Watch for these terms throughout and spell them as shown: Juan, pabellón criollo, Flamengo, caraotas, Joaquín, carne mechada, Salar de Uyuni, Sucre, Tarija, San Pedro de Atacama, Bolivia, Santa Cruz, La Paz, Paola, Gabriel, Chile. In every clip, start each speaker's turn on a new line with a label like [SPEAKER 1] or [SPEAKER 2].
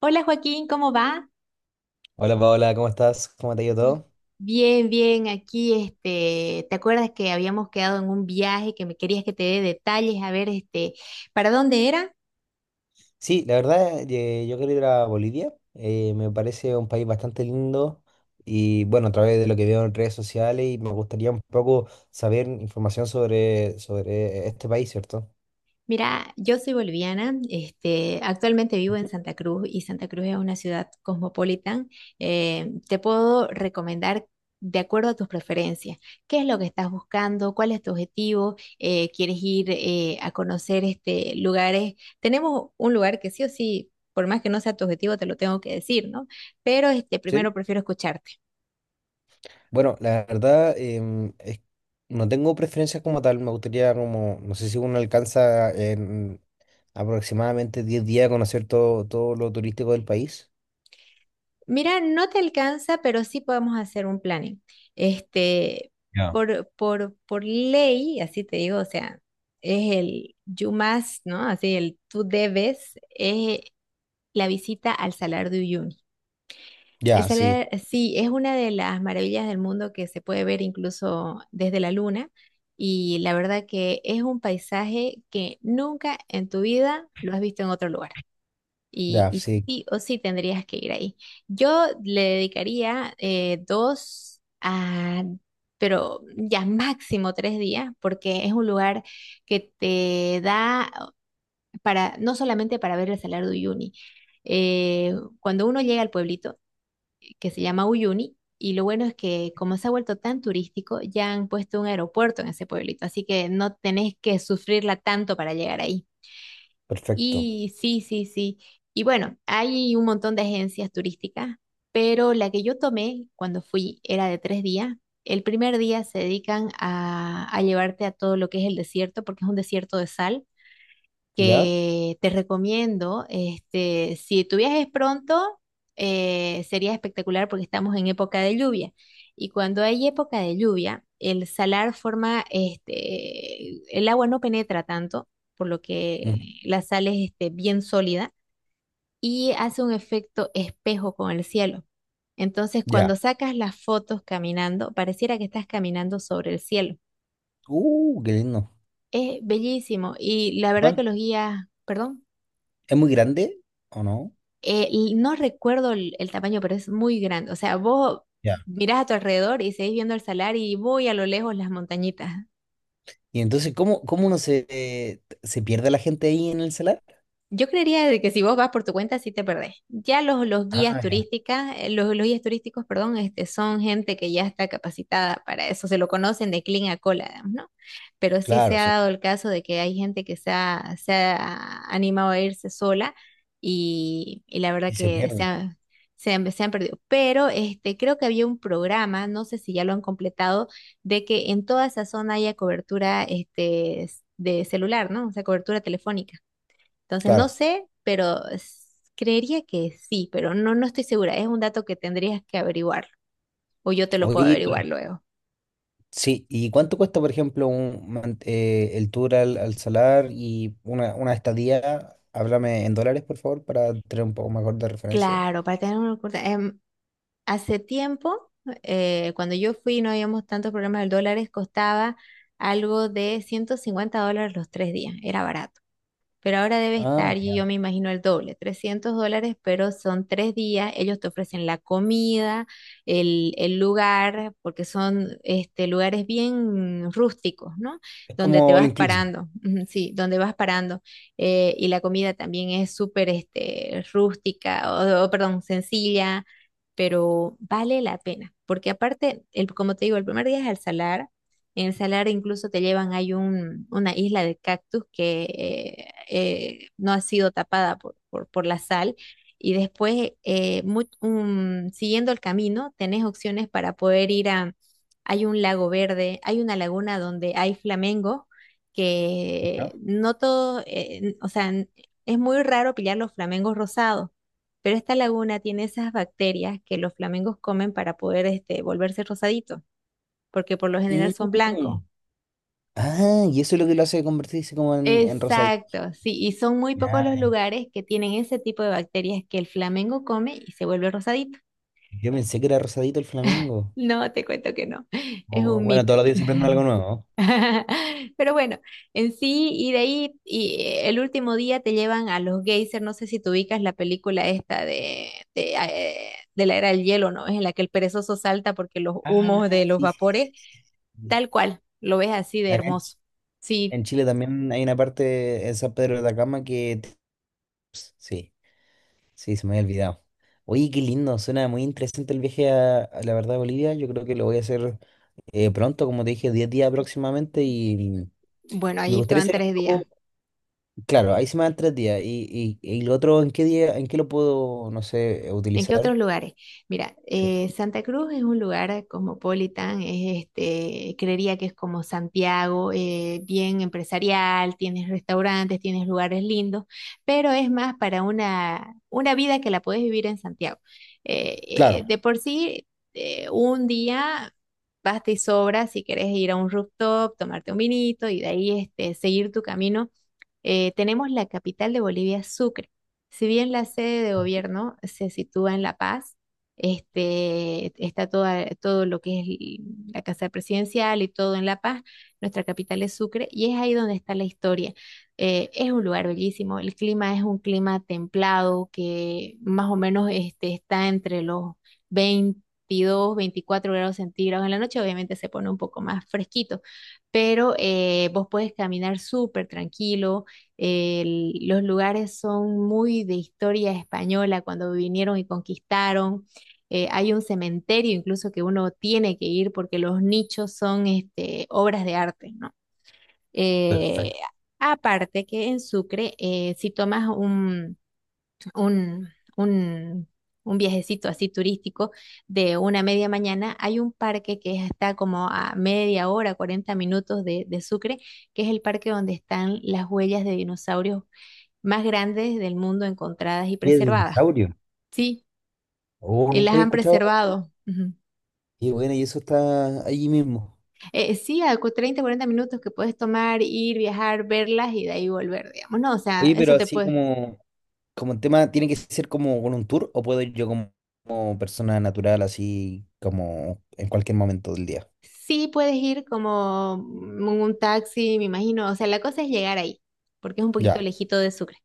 [SPEAKER 1] Hola Joaquín, ¿cómo va?
[SPEAKER 2] Hola Paola, ¿cómo estás? ¿Cómo te ha ido
[SPEAKER 1] Bi-
[SPEAKER 2] todo?
[SPEAKER 1] Bien, bien, aquí este, ¿te acuerdas que habíamos quedado en un viaje que me querías que te dé detalles? A ver, este, ¿para dónde era?
[SPEAKER 2] Sí, la verdad, yo quiero ir a Bolivia. Me parece un país bastante lindo y bueno, a través de lo que veo en redes sociales y me gustaría un poco saber información sobre este país, ¿cierto?
[SPEAKER 1] Mira, yo soy boliviana, este, actualmente vivo en
[SPEAKER 2] Ujú.
[SPEAKER 1] Santa Cruz y Santa Cruz es una ciudad cosmopolitan. Te puedo recomendar de acuerdo a tus preferencias, qué es lo que estás buscando, cuál es tu objetivo, quieres ir a conocer este, lugares. Tenemos un lugar que sí o sí, por más que no sea tu objetivo, te lo tengo que decir, ¿no? Pero este,
[SPEAKER 2] Sí.
[SPEAKER 1] primero prefiero escucharte.
[SPEAKER 2] Bueno, la verdad, no tengo preferencias como tal. Me gustaría como, no sé si uno alcanza en aproximadamente 10 días a conocer todo lo turístico del país.
[SPEAKER 1] Mira, no te alcanza, pero sí podemos hacer un planning. Este,
[SPEAKER 2] Ya.
[SPEAKER 1] por ley, así te digo, o sea, es el you must, ¿no? Así el tú debes, es la visita al Salar de Uyuni. El
[SPEAKER 2] Ya, sí,
[SPEAKER 1] Salar, sí, es una de las maravillas del mundo que se puede ver incluso desde la luna. Y la verdad que es un paisaje que nunca en tu vida lo has visto en otro lugar.
[SPEAKER 2] ya,
[SPEAKER 1] Y
[SPEAKER 2] sí,
[SPEAKER 1] sí o sí tendrías que ir ahí. Yo le dedicaría dos a, pero ya máximo 3 días, porque es un lugar que te da para, no solamente para ver el Salar de Uyuni. Eh, cuando uno llega al pueblito que se llama Uyuni, y lo bueno es que como se ha vuelto tan turístico, ya han puesto un aeropuerto en ese pueblito, así que no tenés que sufrirla tanto para llegar ahí.
[SPEAKER 2] perfecto.
[SPEAKER 1] Y sí, sí, sí. Y bueno, hay un montón de agencias turísticas, pero la que yo tomé cuando fui era de 3 días. El primer día se dedican a llevarte a todo lo que es el desierto, porque es un desierto de sal
[SPEAKER 2] ¿Ya?
[SPEAKER 1] que te recomiendo. Este, si tú viajes pronto, sería espectacular porque estamos en época de lluvia. Y cuando hay época de lluvia, el salar forma, este, el agua no penetra tanto, por lo
[SPEAKER 2] Ujú.
[SPEAKER 1] que la sal es este, bien sólida y hace un efecto espejo con el cielo. Entonces, cuando
[SPEAKER 2] Ya.
[SPEAKER 1] sacas las fotos caminando, pareciera que estás caminando sobre el cielo.
[SPEAKER 2] Qué lindo.
[SPEAKER 1] Es bellísimo y la verdad que
[SPEAKER 2] Juan,
[SPEAKER 1] los guías, perdón.
[SPEAKER 2] ¿es muy grande o no?
[SPEAKER 1] Y no recuerdo el tamaño, pero es muy grande. O sea, vos
[SPEAKER 2] Ya.
[SPEAKER 1] mirás a tu alrededor y seguís viendo el salar y muy a lo lejos las montañitas.
[SPEAKER 2] Y entonces, ¿cómo, cómo uno se pierde la gente ahí en el salar?
[SPEAKER 1] Yo creería de que si vos vas por tu cuenta, sí te perdés. Ya los guías
[SPEAKER 2] Ah, ya.
[SPEAKER 1] turísticas, los guías turísticos, perdón, este, son gente que ya está capacitada para eso, se lo conocen de clean a cola, digamos, ¿no? Pero sí se
[SPEAKER 2] Claro,
[SPEAKER 1] ha
[SPEAKER 2] sí.
[SPEAKER 1] dado el caso de que hay gente que se ha animado a irse sola y la verdad
[SPEAKER 2] Y se
[SPEAKER 1] que
[SPEAKER 2] pierde.
[SPEAKER 1] se han perdido. Pero este, creo que había un programa, no sé si ya lo han completado, de que en toda esa zona haya cobertura este, de celular, ¿no? O sea, cobertura telefónica. Entonces, no
[SPEAKER 2] Claro.
[SPEAKER 1] sé, pero creería que sí, pero no, no estoy segura. Es un dato que tendrías que averiguar o yo te lo puedo
[SPEAKER 2] Oye,
[SPEAKER 1] averiguar
[SPEAKER 2] vale.
[SPEAKER 1] luego.
[SPEAKER 2] Sí. ¿Y cuánto cuesta, por ejemplo, el tour al salar y una estadía? Háblame en dólares, por favor, para tener un poco mejor de referencia.
[SPEAKER 1] Claro, para tener una oculta- em, hace tiempo, cuando yo fui, no habíamos tantos problemas del dólar, costaba algo de $150 los 3 días. Era barato. Pero ahora debe
[SPEAKER 2] Ah,
[SPEAKER 1] estar, y yo
[SPEAKER 2] ya.
[SPEAKER 1] me imagino el doble, $300, pero son 3 días, ellos te ofrecen la comida, el lugar, porque son este, lugares bien rústicos, ¿no?
[SPEAKER 2] Es
[SPEAKER 1] Donde te
[SPEAKER 2] como el
[SPEAKER 1] vas
[SPEAKER 2] inclusive,
[SPEAKER 1] parando, ujú, sí, donde vas parando, y la comida también es súper este, rústica, perdón, sencilla, pero vale la pena, porque aparte, el, como te digo, el primer día es al salar, en el salar incluso te llevan, hay una isla de cactus que no ha sido tapada por la sal. Y después, siguiendo el camino, tenés opciones para poder ir a, hay un lago verde, hay una laguna donde hay flamengo, que
[SPEAKER 2] ¿no?
[SPEAKER 1] no todo, o sea, es muy raro pillar los flamengos rosados, pero esta laguna tiene esas bacterias que los flamengos comen para poder este, volverse rosaditos, porque por lo general son
[SPEAKER 2] Mm.
[SPEAKER 1] blancos.
[SPEAKER 2] Ah, y eso es lo que lo hace convertirse como en rosadito.
[SPEAKER 1] Exacto, sí, y son muy pocos los lugares que tienen ese tipo de bacterias que el flamengo come y se vuelve rosadito.
[SPEAKER 2] Yo pensé que era rosadito el Flamengo.
[SPEAKER 1] No, te cuento que no, es
[SPEAKER 2] O,
[SPEAKER 1] un
[SPEAKER 2] bueno,
[SPEAKER 1] mito.
[SPEAKER 2] todos los días se prende algo nuevo, ¿no?
[SPEAKER 1] Pero bueno, en sí, y de ahí, y el último día te llevan a los geysers, no sé si tú ubicas la película esta de la era del hielo, ¿no? Es en la que el perezoso salta porque los
[SPEAKER 2] Ah,
[SPEAKER 1] humos de los
[SPEAKER 2] sí, sí,
[SPEAKER 1] vapores,
[SPEAKER 2] sí, sí.
[SPEAKER 1] tal cual, lo ves así de
[SPEAKER 2] Acá en,
[SPEAKER 1] hermoso. Sí,
[SPEAKER 2] en Chile también hay una parte en San Pedro de Atacama que... Sí, sí, se me había olvidado. Oye, qué lindo, suena muy interesante el viaje a la verdad a Bolivia. Yo creo que lo voy a hacer pronto, como te dije, 10 días próximamente y
[SPEAKER 1] bueno,
[SPEAKER 2] me
[SPEAKER 1] ahí te
[SPEAKER 2] gustaría
[SPEAKER 1] van
[SPEAKER 2] hacer un
[SPEAKER 1] 3 días.
[SPEAKER 2] poco... Claro, ahí se me dan 3 días. Y, y lo otro, ¿en qué día, en qué lo puedo, no sé,
[SPEAKER 1] ¿En qué
[SPEAKER 2] utilizar?
[SPEAKER 1] otros lugares? Mira,
[SPEAKER 2] Sí,
[SPEAKER 1] Santa Cruz es un lugar cosmopolitan, es este, creería que es como Santiago, bien empresarial, tienes restaurantes, tienes lugares lindos, pero es más para una vida que la puedes vivir en Santiago. Eh, eh,
[SPEAKER 2] claro.
[SPEAKER 1] de por sí, un día basta y sobra si quieres ir a un rooftop, tomarte un vinito y de ahí este, seguir tu camino. Tenemos la capital de Bolivia, Sucre. Si bien la sede de gobierno se sitúa en La Paz, este, está toda, todo lo que es la casa presidencial y todo en La Paz, nuestra capital es Sucre y es ahí donde está la historia. Es un lugar bellísimo, el clima es un clima templado que más o menos este, está entre los 22 24 °C. En la noche obviamente se pone un poco más fresquito pero vos puedes caminar súper tranquilo, los lugares son muy de historia española cuando vinieron y conquistaron. Hay un cementerio incluso que uno tiene que ir porque los nichos son este, obras de arte, ¿no? Eh,
[SPEAKER 2] Perfecto.
[SPEAKER 1] aparte que en Sucre, si tomas un, un, un viajecito así turístico de una media mañana, hay un parque que está como a media hora, 40 minutos de Sucre, que es el parque donde están las huellas de dinosaurios más grandes del mundo encontradas y
[SPEAKER 2] ¿Qué
[SPEAKER 1] preservadas.
[SPEAKER 2] dinosaurio?
[SPEAKER 1] Sí,
[SPEAKER 2] Oh,
[SPEAKER 1] y
[SPEAKER 2] nunca
[SPEAKER 1] las
[SPEAKER 2] había
[SPEAKER 1] han
[SPEAKER 2] escuchado.
[SPEAKER 1] preservado. Ujú.
[SPEAKER 2] Y bueno, y eso está allí mismo.
[SPEAKER 1] Sí, a 30, 40 minutos que puedes tomar, ir, viajar, verlas y de ahí volver, digamos. No, o sea,
[SPEAKER 2] Oye,
[SPEAKER 1] eso
[SPEAKER 2] pero
[SPEAKER 1] te
[SPEAKER 2] así
[SPEAKER 1] puede.
[SPEAKER 2] como el tema, ¿tiene que ser como con un tour o puedo ir yo como persona natural, así como en cualquier momento del día?
[SPEAKER 1] Sí puedes ir como en un taxi, me imagino. O sea, la cosa es llegar ahí, porque es un poquito
[SPEAKER 2] Ya,
[SPEAKER 1] lejito de Sucre.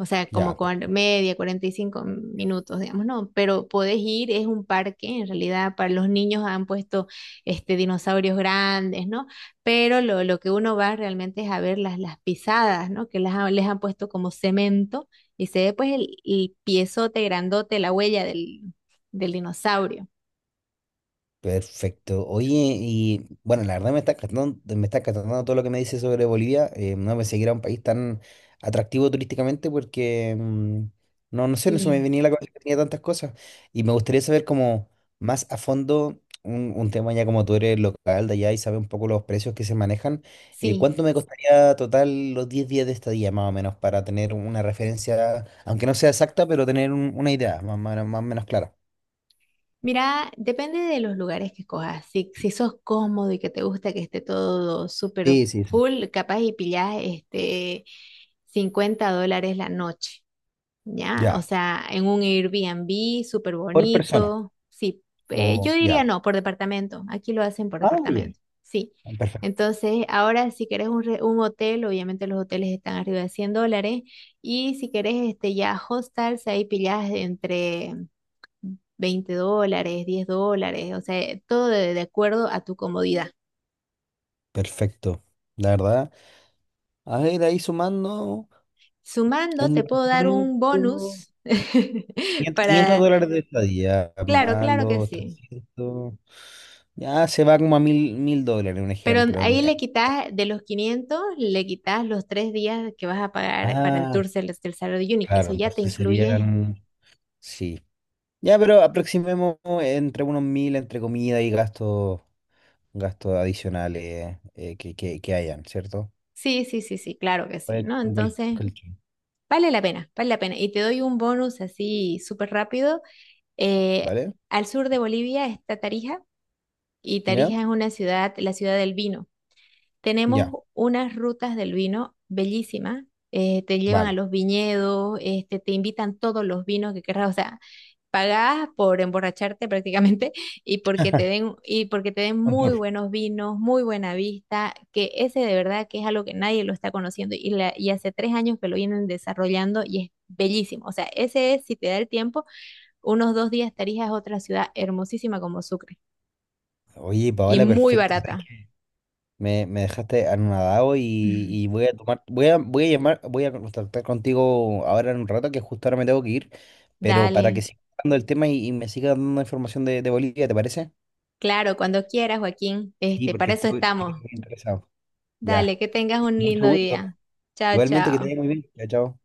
[SPEAKER 1] O sea, como
[SPEAKER 2] ya.
[SPEAKER 1] media, 45 minutos, digamos, ¿no? Pero podés ir, es un parque, en realidad para los niños han puesto este, dinosaurios grandes, ¿no? Pero lo que uno va realmente es a ver las pisadas, ¿no? Que las, les han puesto como cemento y se ve pues el piezote grandote, la huella del, del dinosaurio.
[SPEAKER 2] Perfecto. Oye, y bueno, la verdad me está encantando todo lo que me dice sobre Bolivia. No pensé que era un país tan atractivo turísticamente porque no, no sé, no se me
[SPEAKER 1] Bien,
[SPEAKER 2] venía a la cabeza que tenía tantas cosas. Y me gustaría saber como más a fondo un tema ya como tú eres local de allá y sabes un poco los precios que se manejan.
[SPEAKER 1] sí.
[SPEAKER 2] ¿Cuánto me costaría total los 10 días de estadía más o menos para tener una referencia, aunque no sea exacta, pero tener una idea más o menos clara?
[SPEAKER 1] Mira, depende de los lugares que escojas. Si, si sos cómodo y que te gusta que esté todo súper
[SPEAKER 2] Sí, sí, sí.
[SPEAKER 1] full, capaz y pillás este $50 la noche, ¿ya? O
[SPEAKER 2] Ya.
[SPEAKER 1] sea, en un Airbnb súper
[SPEAKER 2] Por persona.
[SPEAKER 1] bonito. Sí, yo
[SPEAKER 2] O
[SPEAKER 1] diría
[SPEAKER 2] ya.
[SPEAKER 1] no, por departamento. Aquí lo hacen por
[SPEAKER 2] Ah, bien.
[SPEAKER 1] departamento, sí.
[SPEAKER 2] Perfecto.
[SPEAKER 1] Entonces, ahora si querés un hotel, obviamente los hoteles están arriba de $100. Y si querés este, ya hostels, ahí pillás entre veinte dólares, $10, o sea, todo de acuerdo a tu comodidad.
[SPEAKER 2] Perfecto. La verdad. A ver, ahí sumando
[SPEAKER 1] Sumando,
[SPEAKER 2] en
[SPEAKER 1] te puedo dar un
[SPEAKER 2] departamento.
[SPEAKER 1] bonus
[SPEAKER 2] Quinientos 500
[SPEAKER 1] para...
[SPEAKER 2] dólares de estadía,
[SPEAKER 1] Claro,
[SPEAKER 2] más
[SPEAKER 1] claro que
[SPEAKER 2] los
[SPEAKER 1] sí.
[SPEAKER 2] 300. Ya se va como a mil dólares, un
[SPEAKER 1] Pero
[SPEAKER 2] ejemplo.
[SPEAKER 1] ahí le quitas de los 500, le quitas los tres días que vas a pagar para el
[SPEAKER 2] Ah,
[SPEAKER 1] tour del, del Saturday Unique. Eso
[SPEAKER 2] claro,
[SPEAKER 1] ya te
[SPEAKER 2] entonces
[SPEAKER 1] incluye.
[SPEAKER 2] serían. Sí. Ya, pero aproximemos entre unos mil entre comida y gastos adicionales que hayan, ¿cierto?
[SPEAKER 1] Sí, sí, sí, sí, claro que sí,
[SPEAKER 2] Pues,
[SPEAKER 1] ¿no?
[SPEAKER 2] como el
[SPEAKER 1] Entonces,
[SPEAKER 2] colchón.
[SPEAKER 1] vale la pena, vale la pena. Y te doy un bonus así súper rápido. Eh,
[SPEAKER 2] ¿Vale?
[SPEAKER 1] al sur de Bolivia está Tarija y Tarija
[SPEAKER 2] ¿Ya?
[SPEAKER 1] es una ciudad, la ciudad del vino.
[SPEAKER 2] Ya,
[SPEAKER 1] Tenemos unas rutas del vino bellísimas. Te llevan a
[SPEAKER 2] vale.
[SPEAKER 1] los viñedos, este, te invitan todos los vinos que querrás. O sea, pagás por emborracharte prácticamente y porque te den, y porque te den
[SPEAKER 2] Un
[SPEAKER 1] muy
[SPEAKER 2] tour.
[SPEAKER 1] buenos vinos, muy buena vista, que ese de verdad que es algo que nadie lo está conociendo y, y hace 3 años que lo vienen desarrollando y es bellísimo. O sea, ese es, si te da el tiempo, unos 2 días estarías a otra ciudad hermosísima como Sucre
[SPEAKER 2] Oye,
[SPEAKER 1] y
[SPEAKER 2] Paola,
[SPEAKER 1] muy
[SPEAKER 2] perfecto. ¿Sabes
[SPEAKER 1] barata.
[SPEAKER 2] qué? Me dejaste anonadado y, voy a tomar, voy a, voy a llamar, voy a contactar contigo ahora en un rato, que justo ahora me tengo que ir, pero para que
[SPEAKER 1] Dale.
[SPEAKER 2] siga hablando el tema y, me siga dando información de Bolivia, ¿te parece?
[SPEAKER 1] Claro, cuando quieras, Joaquín.
[SPEAKER 2] Sí,
[SPEAKER 1] Este,
[SPEAKER 2] porque
[SPEAKER 1] para eso
[SPEAKER 2] estoy, porque estoy
[SPEAKER 1] estamos.
[SPEAKER 2] muy interesado.
[SPEAKER 1] Dale,
[SPEAKER 2] Ya.
[SPEAKER 1] que tengas un
[SPEAKER 2] Mucho
[SPEAKER 1] lindo
[SPEAKER 2] gusto.
[SPEAKER 1] día. Chao,
[SPEAKER 2] Igualmente que te
[SPEAKER 1] chao.
[SPEAKER 2] vaya muy bien. Chao, chao.